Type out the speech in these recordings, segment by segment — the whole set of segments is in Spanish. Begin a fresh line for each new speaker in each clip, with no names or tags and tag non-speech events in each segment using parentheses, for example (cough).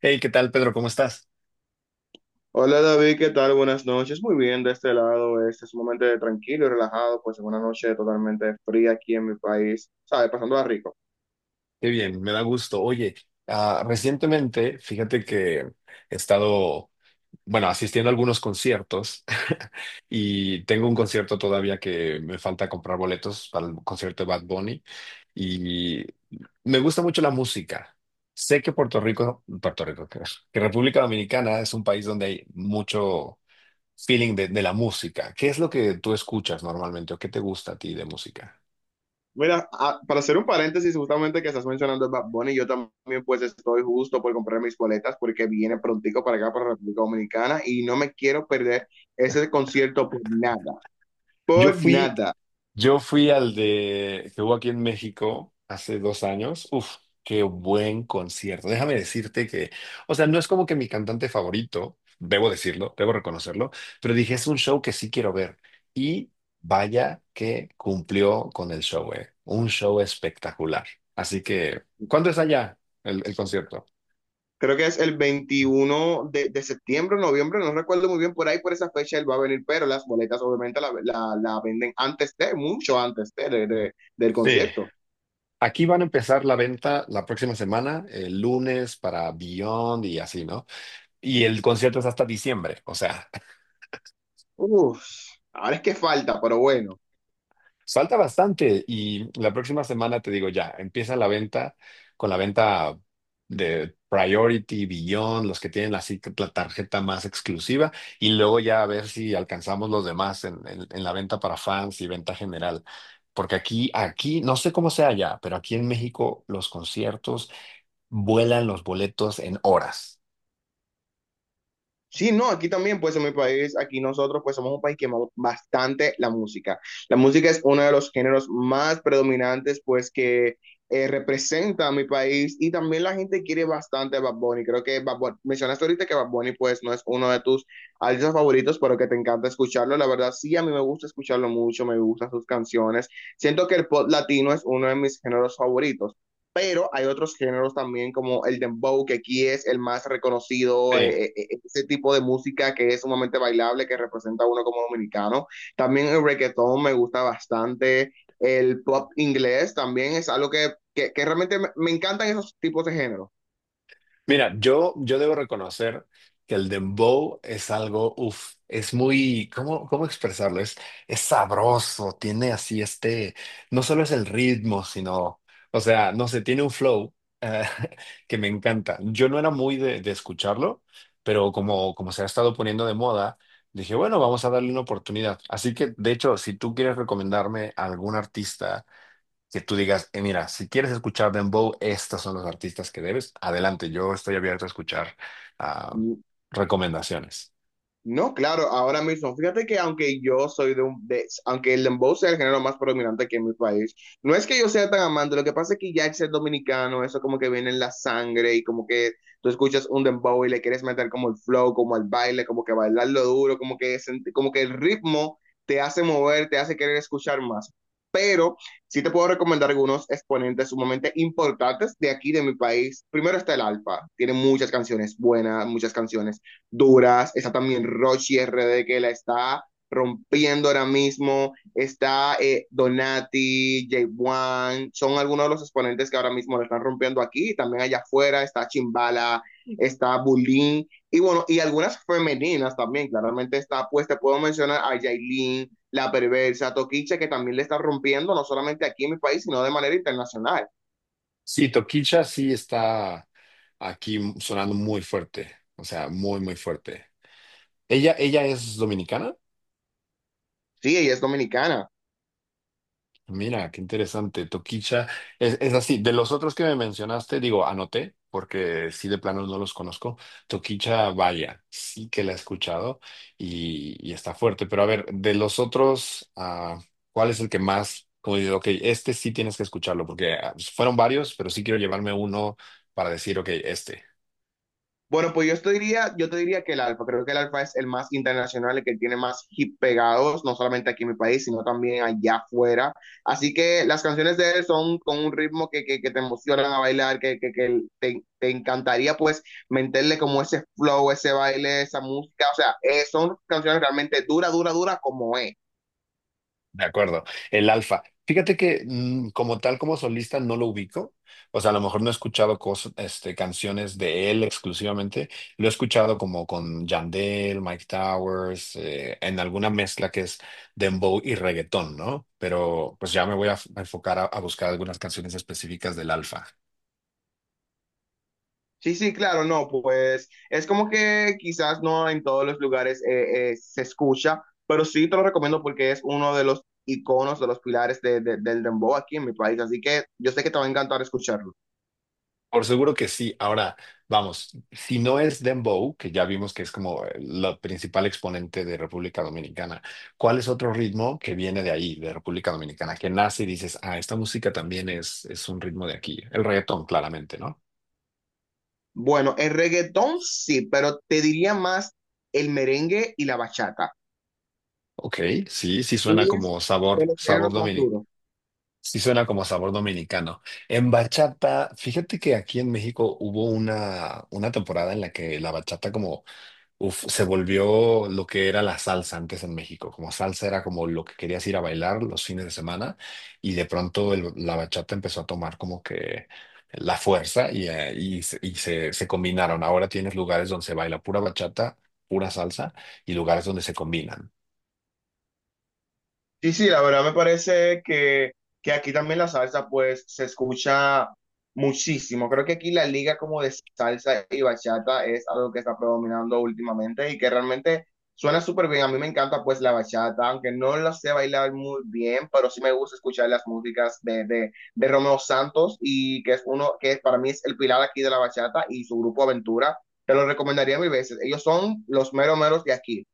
Hey, ¿qué tal, Pedro? ¿Cómo estás?
Hola David, ¿qué tal? Buenas noches. Muy bien, de este lado este es un momento de tranquilo y relajado, pues en una noche totalmente fría aquí en mi país, ¿sabes? Pasándola rico.
Qué bien, me da gusto. Oye, recientemente, fíjate que he estado, bueno, asistiendo a algunos conciertos (laughs) y tengo un concierto todavía que me falta comprar boletos para el concierto de Bad Bunny y me gusta mucho la música. Sé que Puerto Rico, que República Dominicana es un país donde hay mucho feeling de la música. ¿Qué es lo que tú escuchas normalmente o qué te gusta a ti de música?
Mira, para hacer un paréntesis, justamente que estás mencionando a Bad Bunny, yo también pues estoy justo por comprar mis boletas porque viene prontico para acá, para República Dominicana y no me quiero perder ese concierto por nada,
Yo
por
fui,
nada.
yo fui al de que hubo aquí en México hace 2 años. Uf, qué buen concierto. Déjame decirte que, o sea, no es como que mi cantante favorito, debo decirlo, debo reconocerlo, pero dije, es un show que sí quiero ver. Y vaya que cumplió con el show, eh. Un show espectacular. Así que, ¿cuándo es allá el concierto?
Creo que es el 21 de septiembre, noviembre, no recuerdo muy bien por ahí, por esa fecha él va a venir, pero las boletas obviamente la venden antes de, mucho antes del
Sí.
concierto.
Aquí van a empezar la venta la próxima semana, el lunes para Beyond y así, ¿no? Y el concierto es hasta diciembre, o sea,
Uf, ahora es que falta, pero bueno.
(laughs) falta bastante y la próxima semana te digo ya, empieza la venta con la venta de Priority, Beyond, los que tienen la, si- la tarjeta más exclusiva y luego ya a ver si alcanzamos los demás en, en la venta para fans y venta general. Porque aquí, aquí, no sé cómo sea allá, pero aquí en México los conciertos vuelan los boletos en horas.
Sí, no, aquí también, pues en mi país, aquí nosotros, pues somos un país que amamos bastante la música. La música es uno de los géneros más predominantes, pues que representa a mi país y también la gente quiere bastante a Bad Bunny. Creo que mencionaste ahorita que Bad Bunny, pues no es uno de tus artistas favoritos, pero que te encanta escucharlo. La verdad, sí, a mí me gusta escucharlo mucho, me gustan sus canciones. Siento que el pop latino es uno de mis géneros favoritos, pero hay otros géneros también como el dembow, que aquí es el más reconocido,
Sí.
ese tipo de música que es sumamente bailable, que representa a uno como dominicano. También el reggaetón me gusta bastante, el pop inglés también es algo que realmente me encantan esos tipos de géneros.
Mira, yo debo reconocer que el dembow es algo, uff, es muy, ¿cómo expresarlo? Es sabroso, tiene así este, no solo es el ritmo, sino, o sea, no sé, tiene un flow eh, (laughs) que me encanta. Yo no era muy de escucharlo, pero como se ha estado poniendo de moda, dije, bueno, vamos a darle una oportunidad. Así que, de hecho, si tú quieres recomendarme a algún artista, que tú digas: mira, si quieres escuchar Dembow, estos son los artistas que debes. Adelante, yo estoy abierto a escuchar ah, recomendaciones".
No, claro, ahora mismo, fíjate que aunque yo soy aunque el dembow sea el género más predominante aquí en mi país, no es que yo sea tan amante, lo que pasa es que ya el ser dominicano, eso como que viene en la sangre y como que tú escuchas un dembow y le quieres meter como el flow, como el baile, como que bailarlo duro, como que, como que el ritmo te hace mover, te hace querer escuchar más. Pero sí te puedo recomendar algunos exponentes sumamente importantes de aquí, de mi país. Primero está el Alfa, tiene muchas canciones buenas, muchas canciones duras. Está también Rochi RD que la está rompiendo ahora mismo. Está Donati, J1, son algunos de los exponentes que ahora mismo le están rompiendo aquí. También allá afuera está Chimbala, está Bulín y bueno, y algunas femeninas también. Claramente está, pues te puedo mencionar a Yailin, La Perversa, Toquiche, que también le está rompiendo, no solamente aquí en mi país, sino de manera internacional.
Sí, Toquicha sí está aquí sonando muy fuerte, o sea, muy, muy fuerte. ¿Ella es dominicana?
Sí, ella es dominicana.
Mira, qué interesante. Toquicha, es así. De los otros que me mencionaste, digo, anoté, porque sí de plano no los conozco. Toquicha, vaya, sí que la he escuchado y está fuerte. Pero a ver, de los otros, ¿cuál es el que más, como digo, ok, este sí tienes que escucharlo, porque fueron varios, pero sí quiero llevarme uno para decir, ok, este.
Bueno, pues yo te diría que el Alfa, creo que el Alfa es el más internacional, el que tiene más hit pegados, no solamente aquí en mi país, sino también allá afuera. Así que las canciones de él son con un ritmo que te emocionan a bailar, que te encantaría pues meterle como ese flow, ese baile, esa música. O sea, son canciones realmente dura, dura, dura como es.
De acuerdo, el Alfa. Fíjate que como tal, como solista, no lo ubico. O sea, a lo mejor no he escuchado este, canciones de él exclusivamente. Lo he escuchado como con Yandel, Mike Towers, en alguna mezcla que es dembow y reggaetón, ¿no? Pero pues ya me voy a a enfocar a buscar algunas canciones específicas del Alfa.
Sí, sí, claro, no, pues es como que quizás no en todos los lugares se escucha, pero sí te lo recomiendo porque es uno de los iconos, de los pilares del dembow aquí en mi país, así que yo sé que te va a encantar escucharlo.
Por seguro que sí. Ahora, vamos, si no es Dembow, que ya vimos que es como la principal exponente de República Dominicana, ¿cuál es otro ritmo que viene de ahí, de República Dominicana, que nace y dices, ah, esta música también es un ritmo de aquí? El reggaetón, claramente, ¿no?
Bueno, el reggaetón sí, pero te diría más el merengue y la bachata.
Ok, sí, sí suena
Es
como
de los géneros más duros.
sí suena como sabor dominicano. En bachata, fíjate que aquí en México hubo una temporada en la que la bachata como uf, se volvió lo que era la salsa antes en México. Como salsa era como lo que querías ir a bailar los fines de semana y de pronto la bachata empezó a tomar como que la fuerza y y se, se combinaron. Ahora tienes lugares donde se baila pura bachata, pura salsa y lugares donde se combinan.
Sí, sí, la verdad me parece que aquí también la salsa pues se escucha muchísimo. Creo que aquí la liga como de salsa y bachata es algo que está predominando últimamente y que realmente suena súper bien. A mí me encanta pues la bachata, aunque no la sé bailar muy bien, pero sí me gusta escuchar las músicas de Romeo Santos y que es uno que para mí es el pilar aquí de la bachata y su grupo Aventura. Te lo recomendaría mil veces. Ellos son los meros meros de aquí.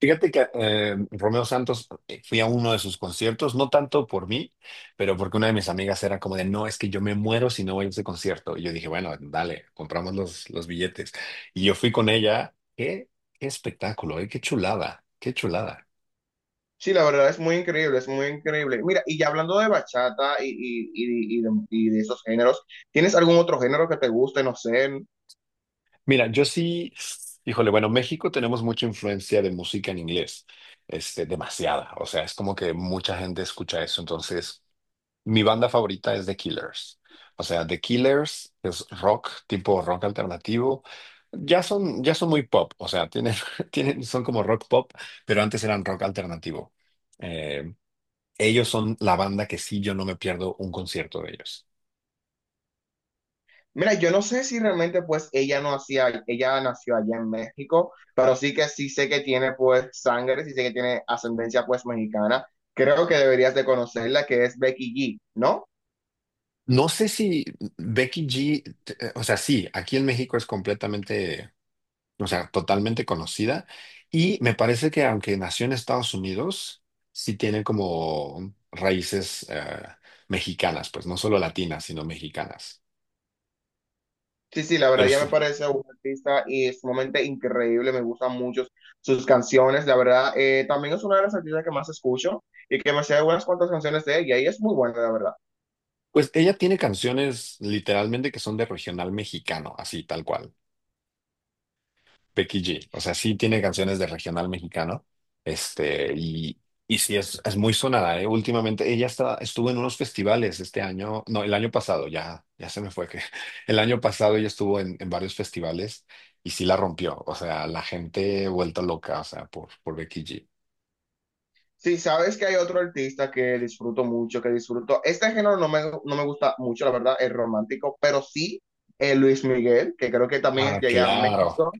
Fíjate que Romeo Santos, fui a uno de sus conciertos, no tanto por mí, pero porque una de mis amigas era como de, no, es que yo me muero si no voy a ese concierto. Y yo dije, bueno, dale, compramos los billetes. Y yo fui con ella. Qué, qué espectáculo, qué chulada, qué chulada.
Sí, la verdad es muy increíble, es muy increíble. Mira, y ya hablando de bachata y de esos géneros, ¿tienes algún otro género que te guste? No sé.
Mira, yo sí, híjole, bueno, México tenemos mucha influencia de música en inglés, este, demasiada. O sea, es como que mucha gente escucha eso. Entonces, mi banda favorita es The Killers. O sea, The Killers es rock, tipo rock alternativo. Ya son muy pop, o sea, tienen, (laughs) tienen, son como rock pop, pero antes eran rock alternativo. Eh, ellos son la banda que sí, yo no me pierdo un concierto de ellos.
Mira, yo no sé si realmente pues ella no hacía, ella nació allá en México, pero sí que sí sé que tiene pues sangre, sí sé que tiene ascendencia pues mexicana. Creo que deberías de conocerla, que es Becky G, ¿no?
No sé si Becky G, o sea, sí, aquí en México es completamente, o sea, totalmente conocida. Y me parece que aunque nació en Estados Unidos, sí tiene como raíces mexicanas, pues no solo latinas, sino mexicanas.
Sí, sí, la verdad
Pero
ya
sí,
me parece un artista y sumamente increíble, me gustan mucho sus canciones, la verdad, también es una de las artistas que más escucho y que me sé unas cuantas canciones de ella y es muy buena, la verdad.
pues ella tiene canciones literalmente que son de regional mexicano, así tal cual. Becky G. O sea, sí tiene canciones de regional mexicano. Este, y, es muy sonada, ¿eh? Últimamente ella está, estuvo en unos festivales este año, no, el año pasado, ya, ya se me fue que (laughs) el año pasado ella estuvo en varios festivales y sí la rompió. O sea, la gente vuelta loca, o sea, por Becky G.
Sí, sabes que hay otro artista que disfruto mucho, que disfruto, este género no me gusta mucho, la verdad, es romántico, pero sí Luis Miguel, que creo que también
Ah,
llegué a
claro.
México,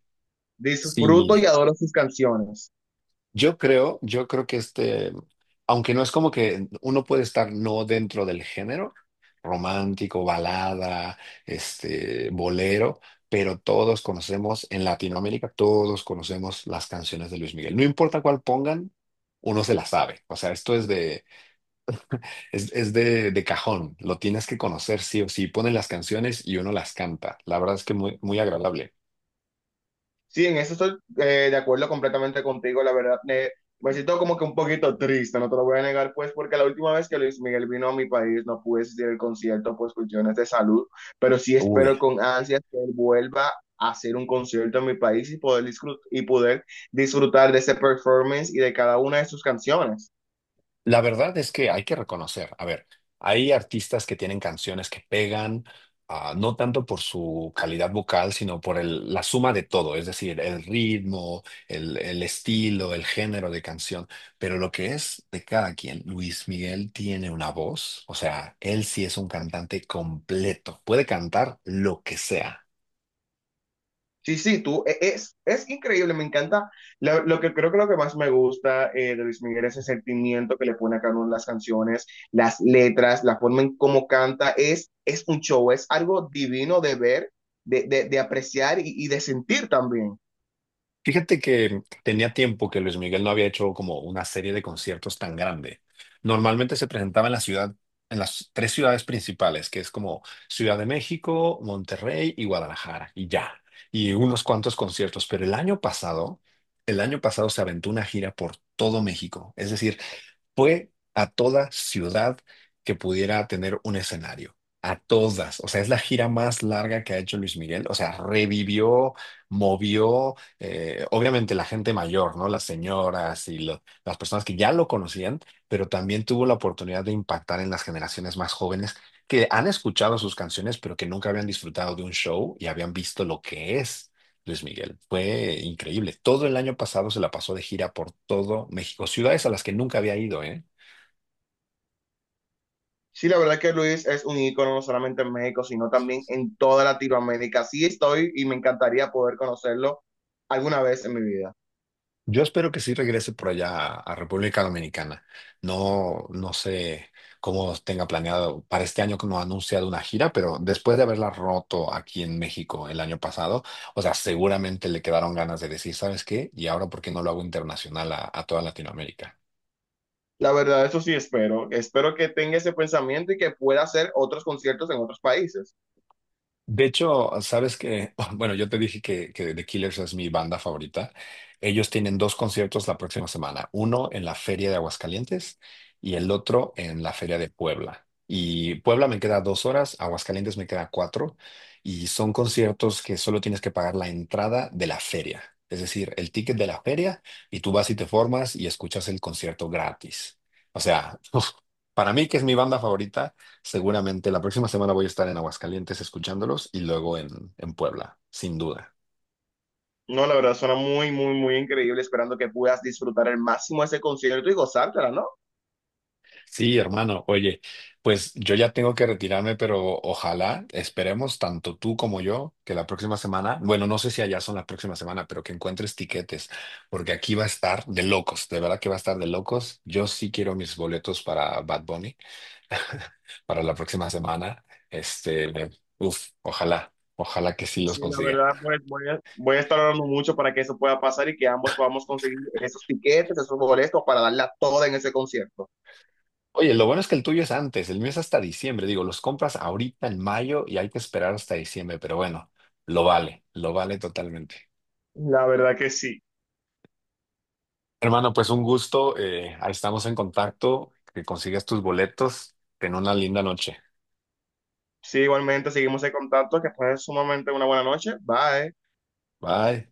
disfruto
Sí.
y adoro sus canciones.
Yo creo que este, aunque no es como que uno puede estar no dentro del género romántico, balada, este, bolero, pero todos conocemos en Latinoamérica, todos conocemos las canciones de Luis Miguel. No importa cuál pongan, uno se la sabe. O sea, esto es de, es de cajón. Lo tienes que conocer sí o sí. Ponen las canciones y uno las canta. La verdad es que muy, muy agradable.
Sí, en eso estoy de acuerdo completamente contigo, la verdad. Me siento como que un poquito triste, no te lo voy a negar, pues, porque la última vez que Luis Miguel vino a mi país no pude asistir al concierto por cuestiones de salud, pero sí
Uy.
espero con ansias que él vuelva a hacer un concierto en mi país y poder, poder disfrutar de ese performance y de cada una de sus canciones.
La verdad es que hay que reconocer, a ver, hay artistas que tienen canciones que pegan, ah, no tanto por su calidad vocal, sino por la suma de todo, es decir, el ritmo, el estilo, el género de canción, pero lo que es de cada quien, Luis Miguel tiene una voz, o sea, él sí es un cantante completo, puede cantar lo que sea.
Sí, sí, es increíble, me encanta. Lo que creo que lo que más me gusta de Luis Miguel es el sentimiento que le pone a cada una de las canciones, las letras, la forma en cómo canta, es un show, es algo divino de ver, de apreciar y de sentir también.
Fíjate que tenía tiempo que Luis Miguel no había hecho como una serie de conciertos tan grande. Normalmente se presentaba en la ciudad, en las tres ciudades principales, que es como Ciudad de México, Monterrey y Guadalajara, y ya. Y unos cuantos conciertos. Pero el año pasado se aventó una gira por todo México. Es decir, fue a toda ciudad que pudiera tener un escenario. A todas. O sea, es la gira más larga que ha hecho Luis Miguel. O sea, revivió, movió, obviamente la gente mayor, ¿no? Las señoras y las personas que ya lo conocían, pero también tuvo la oportunidad de impactar en las generaciones más jóvenes que han escuchado sus canciones, pero que nunca habían disfrutado de un show y habían visto lo que es Luis Miguel. Fue increíble. Todo el año pasado se la pasó de gira por todo México, ciudades a las que nunca había ido, ¿eh?
Sí, la verdad que Luis es un ícono no solamente en México, sino también en toda Latinoamérica. Sí estoy y me encantaría poder conocerlo alguna vez en mi vida.
Yo espero que sí regrese por allá a República Dominicana. No, no sé cómo tenga planeado para este año que no ha anunciado una gira, pero después de haberla roto aquí en México el año pasado, o sea, seguramente le quedaron ganas de decir, ¿sabes qué? Y ahora, ¿por qué no lo hago internacional a toda Latinoamérica?
La verdad, eso sí espero. Espero que tenga ese pensamiento y que pueda hacer otros conciertos en otros países.
De hecho, sabes que, (laughs) bueno, yo te dije que The Killers es mi banda favorita. Ellos tienen dos conciertos la próxima semana, uno en la Feria de Aguascalientes y el otro en la Feria de Puebla. Y Puebla me queda 2 horas, Aguascalientes me queda cuatro, y son conciertos que solo tienes que pagar la entrada de la feria, es decir, el ticket de la feria, y tú vas y te formas y escuchas el concierto gratis. O sea, para mí, que es mi banda favorita, seguramente la próxima semana voy a estar en Aguascalientes escuchándolos y luego en Puebla, sin duda.
No, la verdad, suena muy, muy, muy increíble, esperando que puedas disfrutar al máximo ese concierto y gozártela, ¿no?
Sí, hermano, oye, pues yo ya tengo que retirarme, pero ojalá, esperemos tanto tú como yo que la próxima semana, bueno, no sé si allá son la próxima semana, pero que encuentres tiquetes, porque aquí va a estar de locos, de verdad que va a estar de locos. Yo sí quiero mis boletos para Bad Bunny (laughs) para la próxima semana. Este, uf, ojalá, ojalá que sí los
Sí, la
consiga.
verdad, pues voy voy a estar orando mucho para que eso pueda pasar y que ambos podamos conseguir esos tiquetes, esos boletos para darla toda en ese concierto.
Oye, lo bueno es que el tuyo es antes, el mío es hasta diciembre. Digo, los compras ahorita en mayo y hay que esperar hasta diciembre, pero bueno, lo vale totalmente.
La verdad que sí.
Hermano, pues un gusto, ahí estamos en contacto, que consigas tus boletos, ten una linda noche.
Sí, igualmente seguimos en contacto, que fue sumamente una buena noche. Bye.
Bye.